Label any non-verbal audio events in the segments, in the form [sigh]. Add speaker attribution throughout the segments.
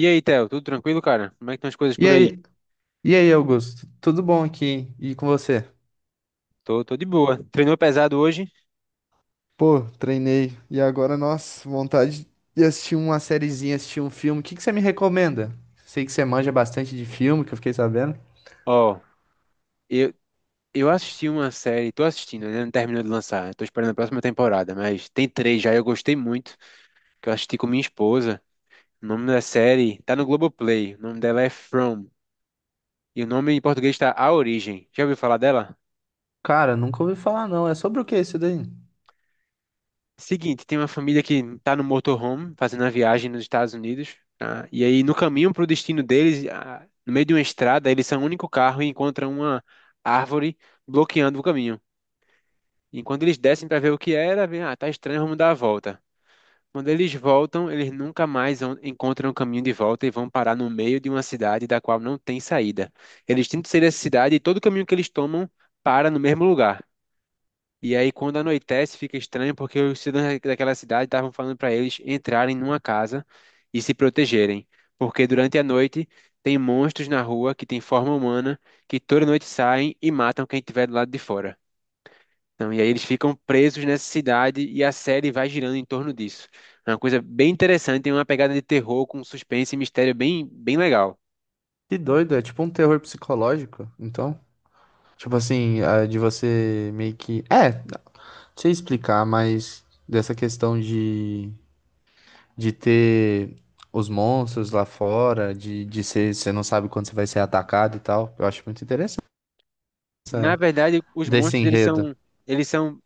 Speaker 1: E aí, Theo, tudo tranquilo, cara? Como é que estão as coisas
Speaker 2: E
Speaker 1: por aí?
Speaker 2: aí, Augusto? Tudo bom aqui? E com você?
Speaker 1: Tô de boa. Treinou pesado hoje?
Speaker 2: Pô, treinei. E agora, nossa, vontade de assistir uma sériezinha, assistir um filme. O que que você me recomenda? Sei que você manja bastante de filme, que eu fiquei sabendo.
Speaker 1: Ó, eu, eu assisti uma série, tô assistindo, ainda não terminou de lançar. Tô esperando a próxima temporada, mas tem três já, eu gostei muito, que eu assisti com minha esposa. O nome da série tá no Globoplay, o nome dela é From, e o nome em português tá A Origem. Já ouviu falar dela?
Speaker 2: Cara, nunca ouvi falar não. É sobre o que isso daí?
Speaker 1: Seguinte, tem uma família que tá no motorhome fazendo a viagem nos Estados Unidos, tá? E aí no caminho para o destino deles, no meio de uma estrada, eles são o único carro e encontram uma árvore bloqueando o caminho. Enquanto eles descem para ver o que era, vem, tá estranho, vamos dar a volta. Quando eles voltam, eles nunca mais encontram o caminho de volta e vão parar no meio de uma cidade da qual não tem saída. Eles tentam sair dessa cidade e todo o caminho que eles tomam para no mesmo lugar. E aí, quando anoitece, fica estranho porque os cidadãos daquela cidade estavam falando para eles entrarem numa casa e se protegerem. Porque durante a noite tem monstros na rua que têm forma humana, que toda noite saem e matam quem estiver do lado de fora. Então, e aí eles ficam presos nessa cidade e a série vai girando em torno disso. É uma coisa bem interessante, tem uma pegada de terror com suspense e mistério bem legal.
Speaker 2: Que doido, é tipo um terror psicológico, então? Tipo assim, ah, de você meio que... É, não sei explicar, mas dessa questão de ter os monstros lá fora, de ser, você não sabe quando você vai ser atacado e tal. Eu acho muito interessante
Speaker 1: Na verdade, os
Speaker 2: desse
Speaker 1: monstros
Speaker 2: enredo.
Speaker 1: eles são,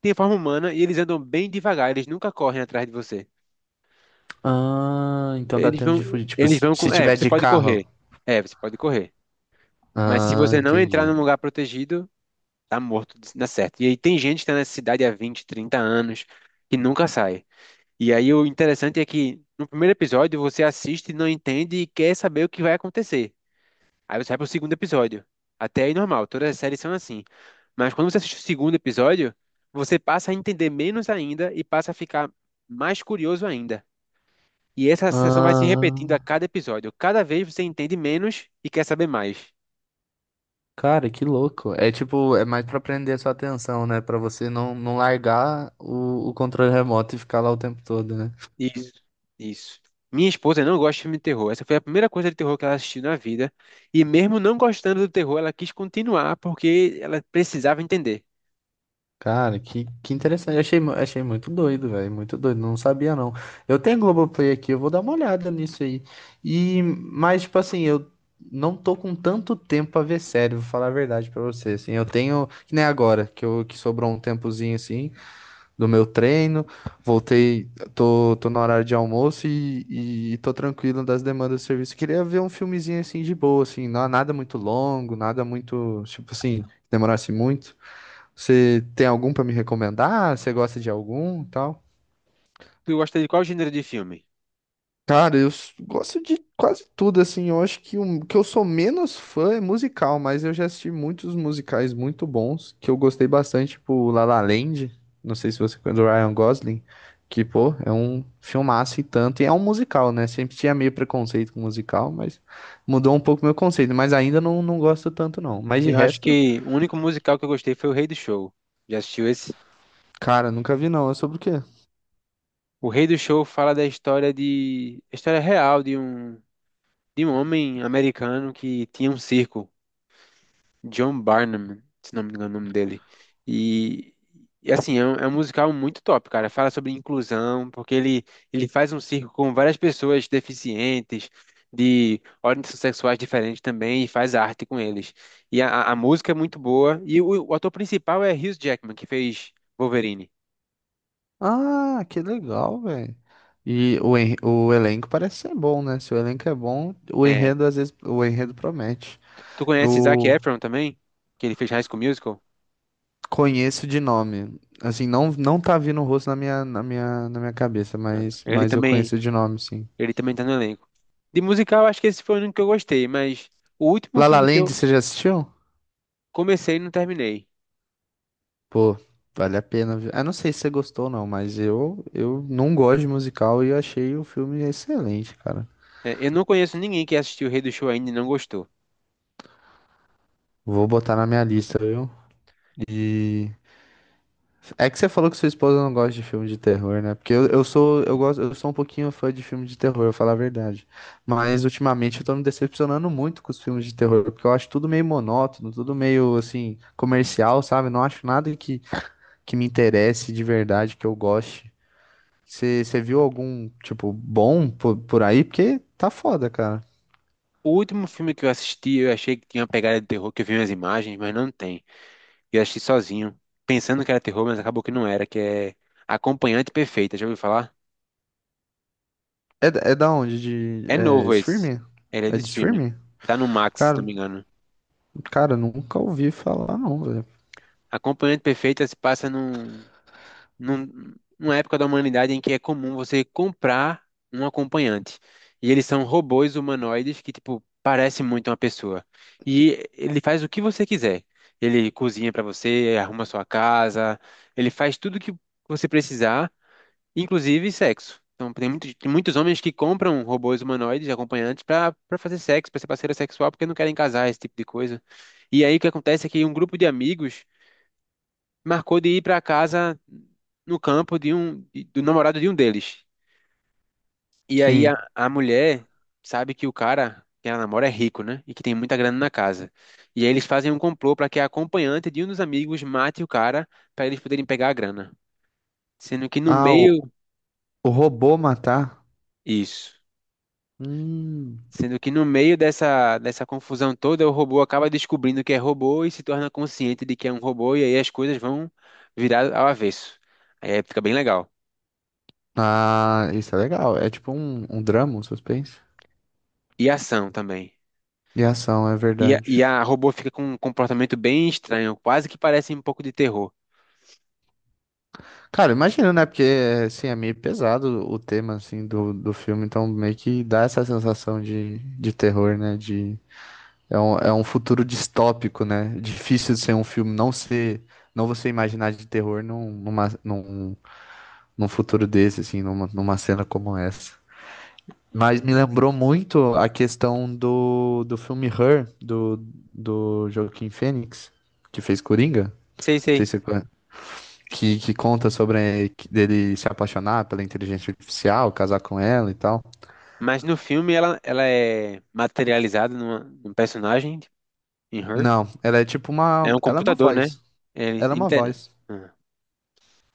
Speaker 1: têm forma humana e eles andam bem devagar, eles nunca correm atrás de você.
Speaker 2: Ah, então dá
Speaker 1: Eles
Speaker 2: tempo
Speaker 1: vão,
Speaker 2: de fugir. Tipo,
Speaker 1: eles vão com,
Speaker 2: se
Speaker 1: é,
Speaker 2: tiver
Speaker 1: você
Speaker 2: de
Speaker 1: pode
Speaker 2: carro.
Speaker 1: correr. É, você pode correr. Mas se
Speaker 2: Ah,
Speaker 1: você não entrar
Speaker 2: entendi.
Speaker 1: num lugar protegido, tá morto, dá certo. E aí tem gente que tá nessa cidade há 20, 30 anos que nunca sai. E aí o interessante é que no primeiro episódio você assiste, não entende e quer saber o que vai acontecer. Aí você vai pro segundo episódio. Até aí normal, todas as séries são assim. Mas quando você assiste o segundo episódio, você passa a entender menos ainda e passa a ficar mais curioso ainda. E essa sensação vai se
Speaker 2: Ah,
Speaker 1: repetindo a cada episódio. Cada vez você entende menos e quer saber mais.
Speaker 2: cara, que louco. É tipo, é mais pra prender a sua atenção, né? Pra você não largar o controle remoto e ficar lá o tempo todo, né?
Speaker 1: Isso, isso. Minha esposa não gosta de filme de terror. Essa foi a primeira coisa de terror que ela assistiu na vida. E mesmo não gostando do terror, ela quis continuar porque ela precisava entender.
Speaker 2: Cara, que interessante. Achei muito doido, velho. Muito doido. Não sabia, não. Eu tenho Globoplay aqui, eu vou dar uma olhada nisso aí. E, mas, tipo assim, eu não tô com tanto tempo pra ver série, vou falar a verdade pra você. Assim, eu tenho, que nem agora, que sobrou um tempozinho, assim, do meu treino. Voltei, tô no horário de almoço e tô tranquilo das demandas do serviço. Queria ver um filmezinho, assim, de boa, assim. Não, nada muito longo, nada muito, tipo assim, que demorasse muito. Você tem algum pra me recomendar? Você gosta de algum, e tal?
Speaker 1: Tu gosta de qual gênero de filme?
Speaker 2: Cara, gosto de quase tudo assim. Eu acho que o que eu sou menos fã é musical, mas eu já assisti muitos musicais muito bons que eu gostei bastante, tipo La La Land, não sei se você conhece do Ryan Gosling, que pô, é um filmaço e tanto, e é um musical, né? Sempre tinha meio preconceito com musical, mas mudou um pouco meu conceito, mas ainda não gosto tanto não. Mas de
Speaker 1: Eu acho
Speaker 2: resto,
Speaker 1: que o único musical que eu gostei foi O Rei do Show. Já assistiu esse?
Speaker 2: cara, nunca vi não. É sobre o quê?
Speaker 1: O Rei do Show fala a história real de de um homem americano que tinha um circo. John Barnum, se não me engano o nome dele. E, e, assim, é um musical muito top, cara. Fala sobre inclusão, ele faz um circo com várias pessoas deficientes, de ordens sexuais diferentes também, e faz arte com eles. E a música é muito boa. E o ator principal é Hugh Jackman, que fez Wolverine.
Speaker 2: Ah, que legal, velho. E o, o elenco parece ser bom, né? Se o elenco é bom,
Speaker 1: É.
Speaker 2: o enredo promete.
Speaker 1: Tu conhece Zac
Speaker 2: Eu
Speaker 1: Efron também? Que ele fez High School Musical?
Speaker 2: conheço de nome. Assim, não tá vindo o rosto na minha cabeça,
Speaker 1: Não.
Speaker 2: mas eu conheço de nome, sim.
Speaker 1: Ele também tá no elenco. De musical, acho que esse foi o único que eu gostei, mas o último
Speaker 2: La La
Speaker 1: filme que
Speaker 2: Land,
Speaker 1: eu
Speaker 2: você já assistiu?
Speaker 1: Comecei e não terminei.
Speaker 2: Pô, vale a pena ver. Ah, não sei se você gostou ou não, mas eu não gosto de musical e eu achei o filme excelente, cara.
Speaker 1: É, eu não conheço ninguém que assistiu o Rei do Show ainda e não gostou.
Speaker 2: Vou botar na minha lista, viu? É que você falou que sua esposa não gosta de filme de terror, né? Porque eu sou, eu gosto, eu sou um pouquinho fã de filme de terror, eu falar a verdade. Mas ultimamente eu tô me decepcionando muito com os filmes de terror, porque eu acho tudo meio monótono, tudo meio assim, comercial, sabe? Não acho nada que me interesse de verdade, que eu goste. Você viu algum, tipo, bom por aí? Porque tá foda, cara.
Speaker 1: O último filme que eu assisti, eu achei que tinha uma pegada de terror, que eu vi umas imagens, mas não tem. Eu assisti sozinho, pensando que era terror, mas acabou que não era, que é Acompanhante Perfeita, já ouviu falar?
Speaker 2: É, é da onde? De
Speaker 1: É
Speaker 2: é,
Speaker 1: novo esse.
Speaker 2: streaming?
Speaker 1: Ele é de
Speaker 2: É de
Speaker 1: streaming.
Speaker 2: streaming?
Speaker 1: Tá no Max, se não
Speaker 2: Cara,
Speaker 1: me engano.
Speaker 2: Cara, nunca ouvi falar, não, velho.
Speaker 1: Acompanhante Perfeita se passa numa época da humanidade em que é comum você comprar um acompanhante. E eles são robôs humanoides que, tipo, parecem muito uma pessoa. E ele faz o que você quiser. Ele cozinha para você, arruma sua casa, ele faz tudo que você precisar, inclusive sexo. Então, tem muitos homens que compram robôs humanoides, acompanhantes, para fazer sexo, para ser parceira sexual, porque não querem casar, esse tipo de coisa. E aí o que acontece é que um grupo de amigos marcou de ir para casa no campo de do namorado de um deles. E aí
Speaker 2: Sim.
Speaker 1: a mulher sabe que o cara que ela namora é rico, né? E que tem muita grana na casa. E aí eles fazem um complô para que a acompanhante de um dos amigos mate o cara para eles poderem pegar a grana. Sendo que no
Speaker 2: Ah,
Speaker 1: meio
Speaker 2: o robô matar?
Speaker 1: isso,
Speaker 2: Hum.
Speaker 1: sendo que no meio dessa confusão toda, o robô acaba descobrindo que é robô e se torna consciente de que é um robô e aí as coisas vão virar ao avesso. Aí fica bem legal.
Speaker 2: Ah, isso é legal. É tipo um, um drama, um suspense.
Speaker 1: E ação também.
Speaker 2: E ação, é
Speaker 1: E e
Speaker 2: verdade.
Speaker 1: a robô fica com um comportamento bem estranho, quase que parece um pouco de terror.
Speaker 2: Cara, imagina, né? Porque, assim, é meio pesado o tema, assim, do filme. Então, meio que dá essa sensação de terror, né? De, é um futuro distópico, né? Difícil de ser um filme, não ser... Não você imaginar de terror num num futuro desse, assim, numa cena como essa. Mas me lembrou muito a questão do filme Her, do Joaquim Phoenix que fez Coringa. Não
Speaker 1: Sei,
Speaker 2: sei
Speaker 1: sei.
Speaker 2: se você conhece, que conta sobre dele se apaixonar pela inteligência artificial, casar com ela e tal.
Speaker 1: Mas no filme ela é materializada num personagem, em Her.
Speaker 2: Não, ela é tipo
Speaker 1: É
Speaker 2: uma.
Speaker 1: um
Speaker 2: Ela é uma
Speaker 1: computador, né?
Speaker 2: voz.
Speaker 1: Ele,
Speaker 2: Ela é uma
Speaker 1: inte-
Speaker 2: voz.
Speaker 1: Ah.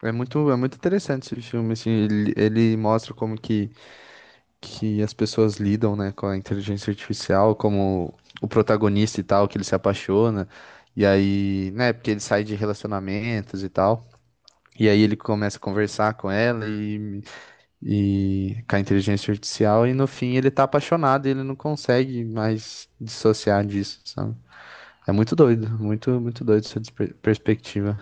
Speaker 2: É muito interessante esse filme, assim. Ele mostra como que as pessoas lidam, né, com a inteligência artificial, como o protagonista e tal, que ele se apaixona, e aí, né, porque ele sai de relacionamentos e tal, e aí ele começa a conversar com ela e com a inteligência artificial, e no fim ele tá apaixonado, e ele não consegue mais dissociar disso, sabe? É muito doido, muito, muito doido essa perspectiva.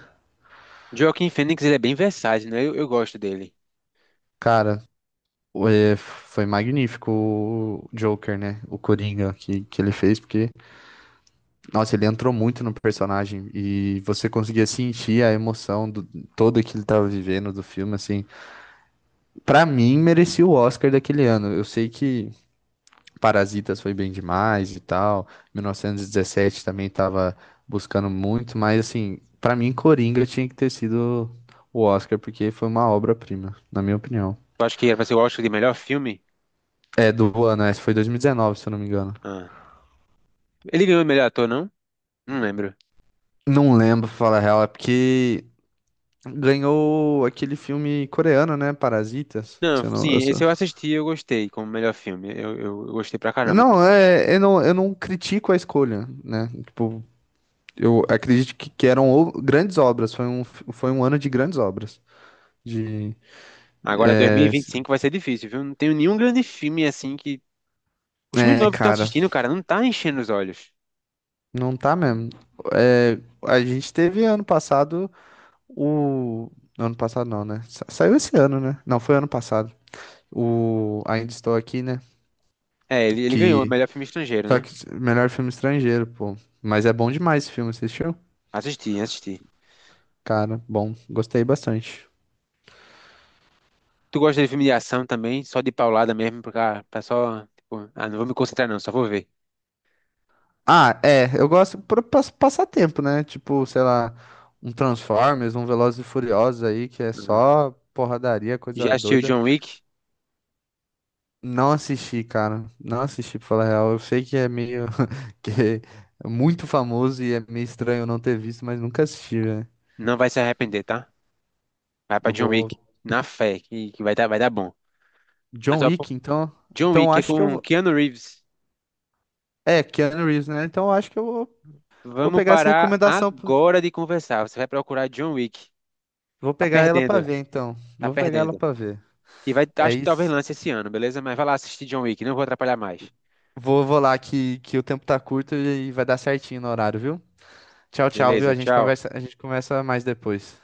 Speaker 1: Joaquin Phoenix, ele é bem versátil, né? Eu gosto dele.
Speaker 2: Cara, é, foi magnífico o Joker, né? O Coringa que ele fez, porque nossa, ele entrou muito no personagem e você conseguia sentir a emoção do todo que ele tava vivendo do filme, assim. Pra mim, merecia o Oscar daquele ano. Eu sei que Parasitas foi bem demais e tal, 1917 também tava buscando muito, mas assim, pra mim, Coringa tinha que ter sido o Oscar, porque foi uma obra-prima, na minha opinião.
Speaker 1: Eu acho que era pra ser o Oscar de melhor filme.
Speaker 2: É, do ano, essa foi 2019, se eu não me engano.
Speaker 1: Ah. Ele ganhou o melhor ator, não? Não lembro.
Speaker 2: Não lembro, pra falar a real, é porque ganhou aquele filme coreano, né? Parasitas.
Speaker 1: Não,
Speaker 2: Se eu não, eu
Speaker 1: sim,
Speaker 2: só-
Speaker 1: esse eu assisti e eu gostei como melhor filme. Eu gostei pra caramba.
Speaker 2: Não, é, eu não critico a escolha, né? Tipo, eu acredito que eram grandes obras. Foi um ano de grandes obras. De,
Speaker 1: Agora
Speaker 2: é,
Speaker 1: 2025 vai ser difícil, viu? Não tenho nenhum grande filme assim que Os filmes
Speaker 2: é,
Speaker 1: novos que tá
Speaker 2: cara,
Speaker 1: assistindo, cara, não tá enchendo os olhos.
Speaker 2: não tá mesmo. É, a gente teve ano passado o. Ano passado não, né? Saiu esse ano, né? Não, foi ano passado. O Ainda Estou Aqui, né?
Speaker 1: É, ele ganhou o
Speaker 2: Que.
Speaker 1: melhor filme estrangeiro,
Speaker 2: Só
Speaker 1: né?
Speaker 2: que melhor filme estrangeiro, pô. Mas é bom demais esse filme, assistiu?
Speaker 1: Assisti.
Speaker 2: Cara, bom, gostei bastante.
Speaker 1: Tu gosta de filme de ação também? Só de paulada mesmo, pra só. Tipo, ah, não vou me concentrar, não, só vou ver.
Speaker 2: Ah, é, eu gosto pra passar tempo, né? Tipo, sei lá, um Transformers, um Velozes e Furiosos aí, que é
Speaker 1: Ah,
Speaker 2: só porradaria,
Speaker 1: já
Speaker 2: coisa
Speaker 1: assistiu
Speaker 2: doida.
Speaker 1: John Wick?
Speaker 2: Não assisti, cara. Não assisti, pra falar a real. Eu sei que é meio [laughs] que é muito famoso e é meio estranho não ter visto, mas nunca assisti, né?
Speaker 1: Não vai se arrepender, tá? Vai pra
Speaker 2: Eu
Speaker 1: John
Speaker 2: vou.
Speaker 1: Wick, na fé, que vai dar bom. Mas,
Speaker 2: John
Speaker 1: ó, pô,
Speaker 2: Wick, então.
Speaker 1: John
Speaker 2: Então eu
Speaker 1: Wick é
Speaker 2: acho que eu
Speaker 1: com
Speaker 2: vou.
Speaker 1: Keanu Reeves.
Speaker 2: É, Keanu Reeves, né? Então eu acho que eu vou, vou
Speaker 1: Vamos
Speaker 2: pegar essa
Speaker 1: parar
Speaker 2: recomendação.
Speaker 1: agora de conversar. Você vai procurar John Wick.
Speaker 2: Vou
Speaker 1: Tá
Speaker 2: pegar ela pra
Speaker 1: perdendo,
Speaker 2: ver, então.
Speaker 1: tá
Speaker 2: Vou pegar ela
Speaker 1: perdendo.
Speaker 2: pra ver.
Speaker 1: E vai,
Speaker 2: É
Speaker 1: acho que talvez
Speaker 2: isso.
Speaker 1: lance esse ano, beleza? Mas vai lá assistir John Wick, não vou atrapalhar mais.
Speaker 2: Vou lá que o tempo tá curto e vai dar certinho no horário, viu? Tchau, tchau, viu?
Speaker 1: Beleza, tchau.
Speaker 2: A gente conversa mais depois.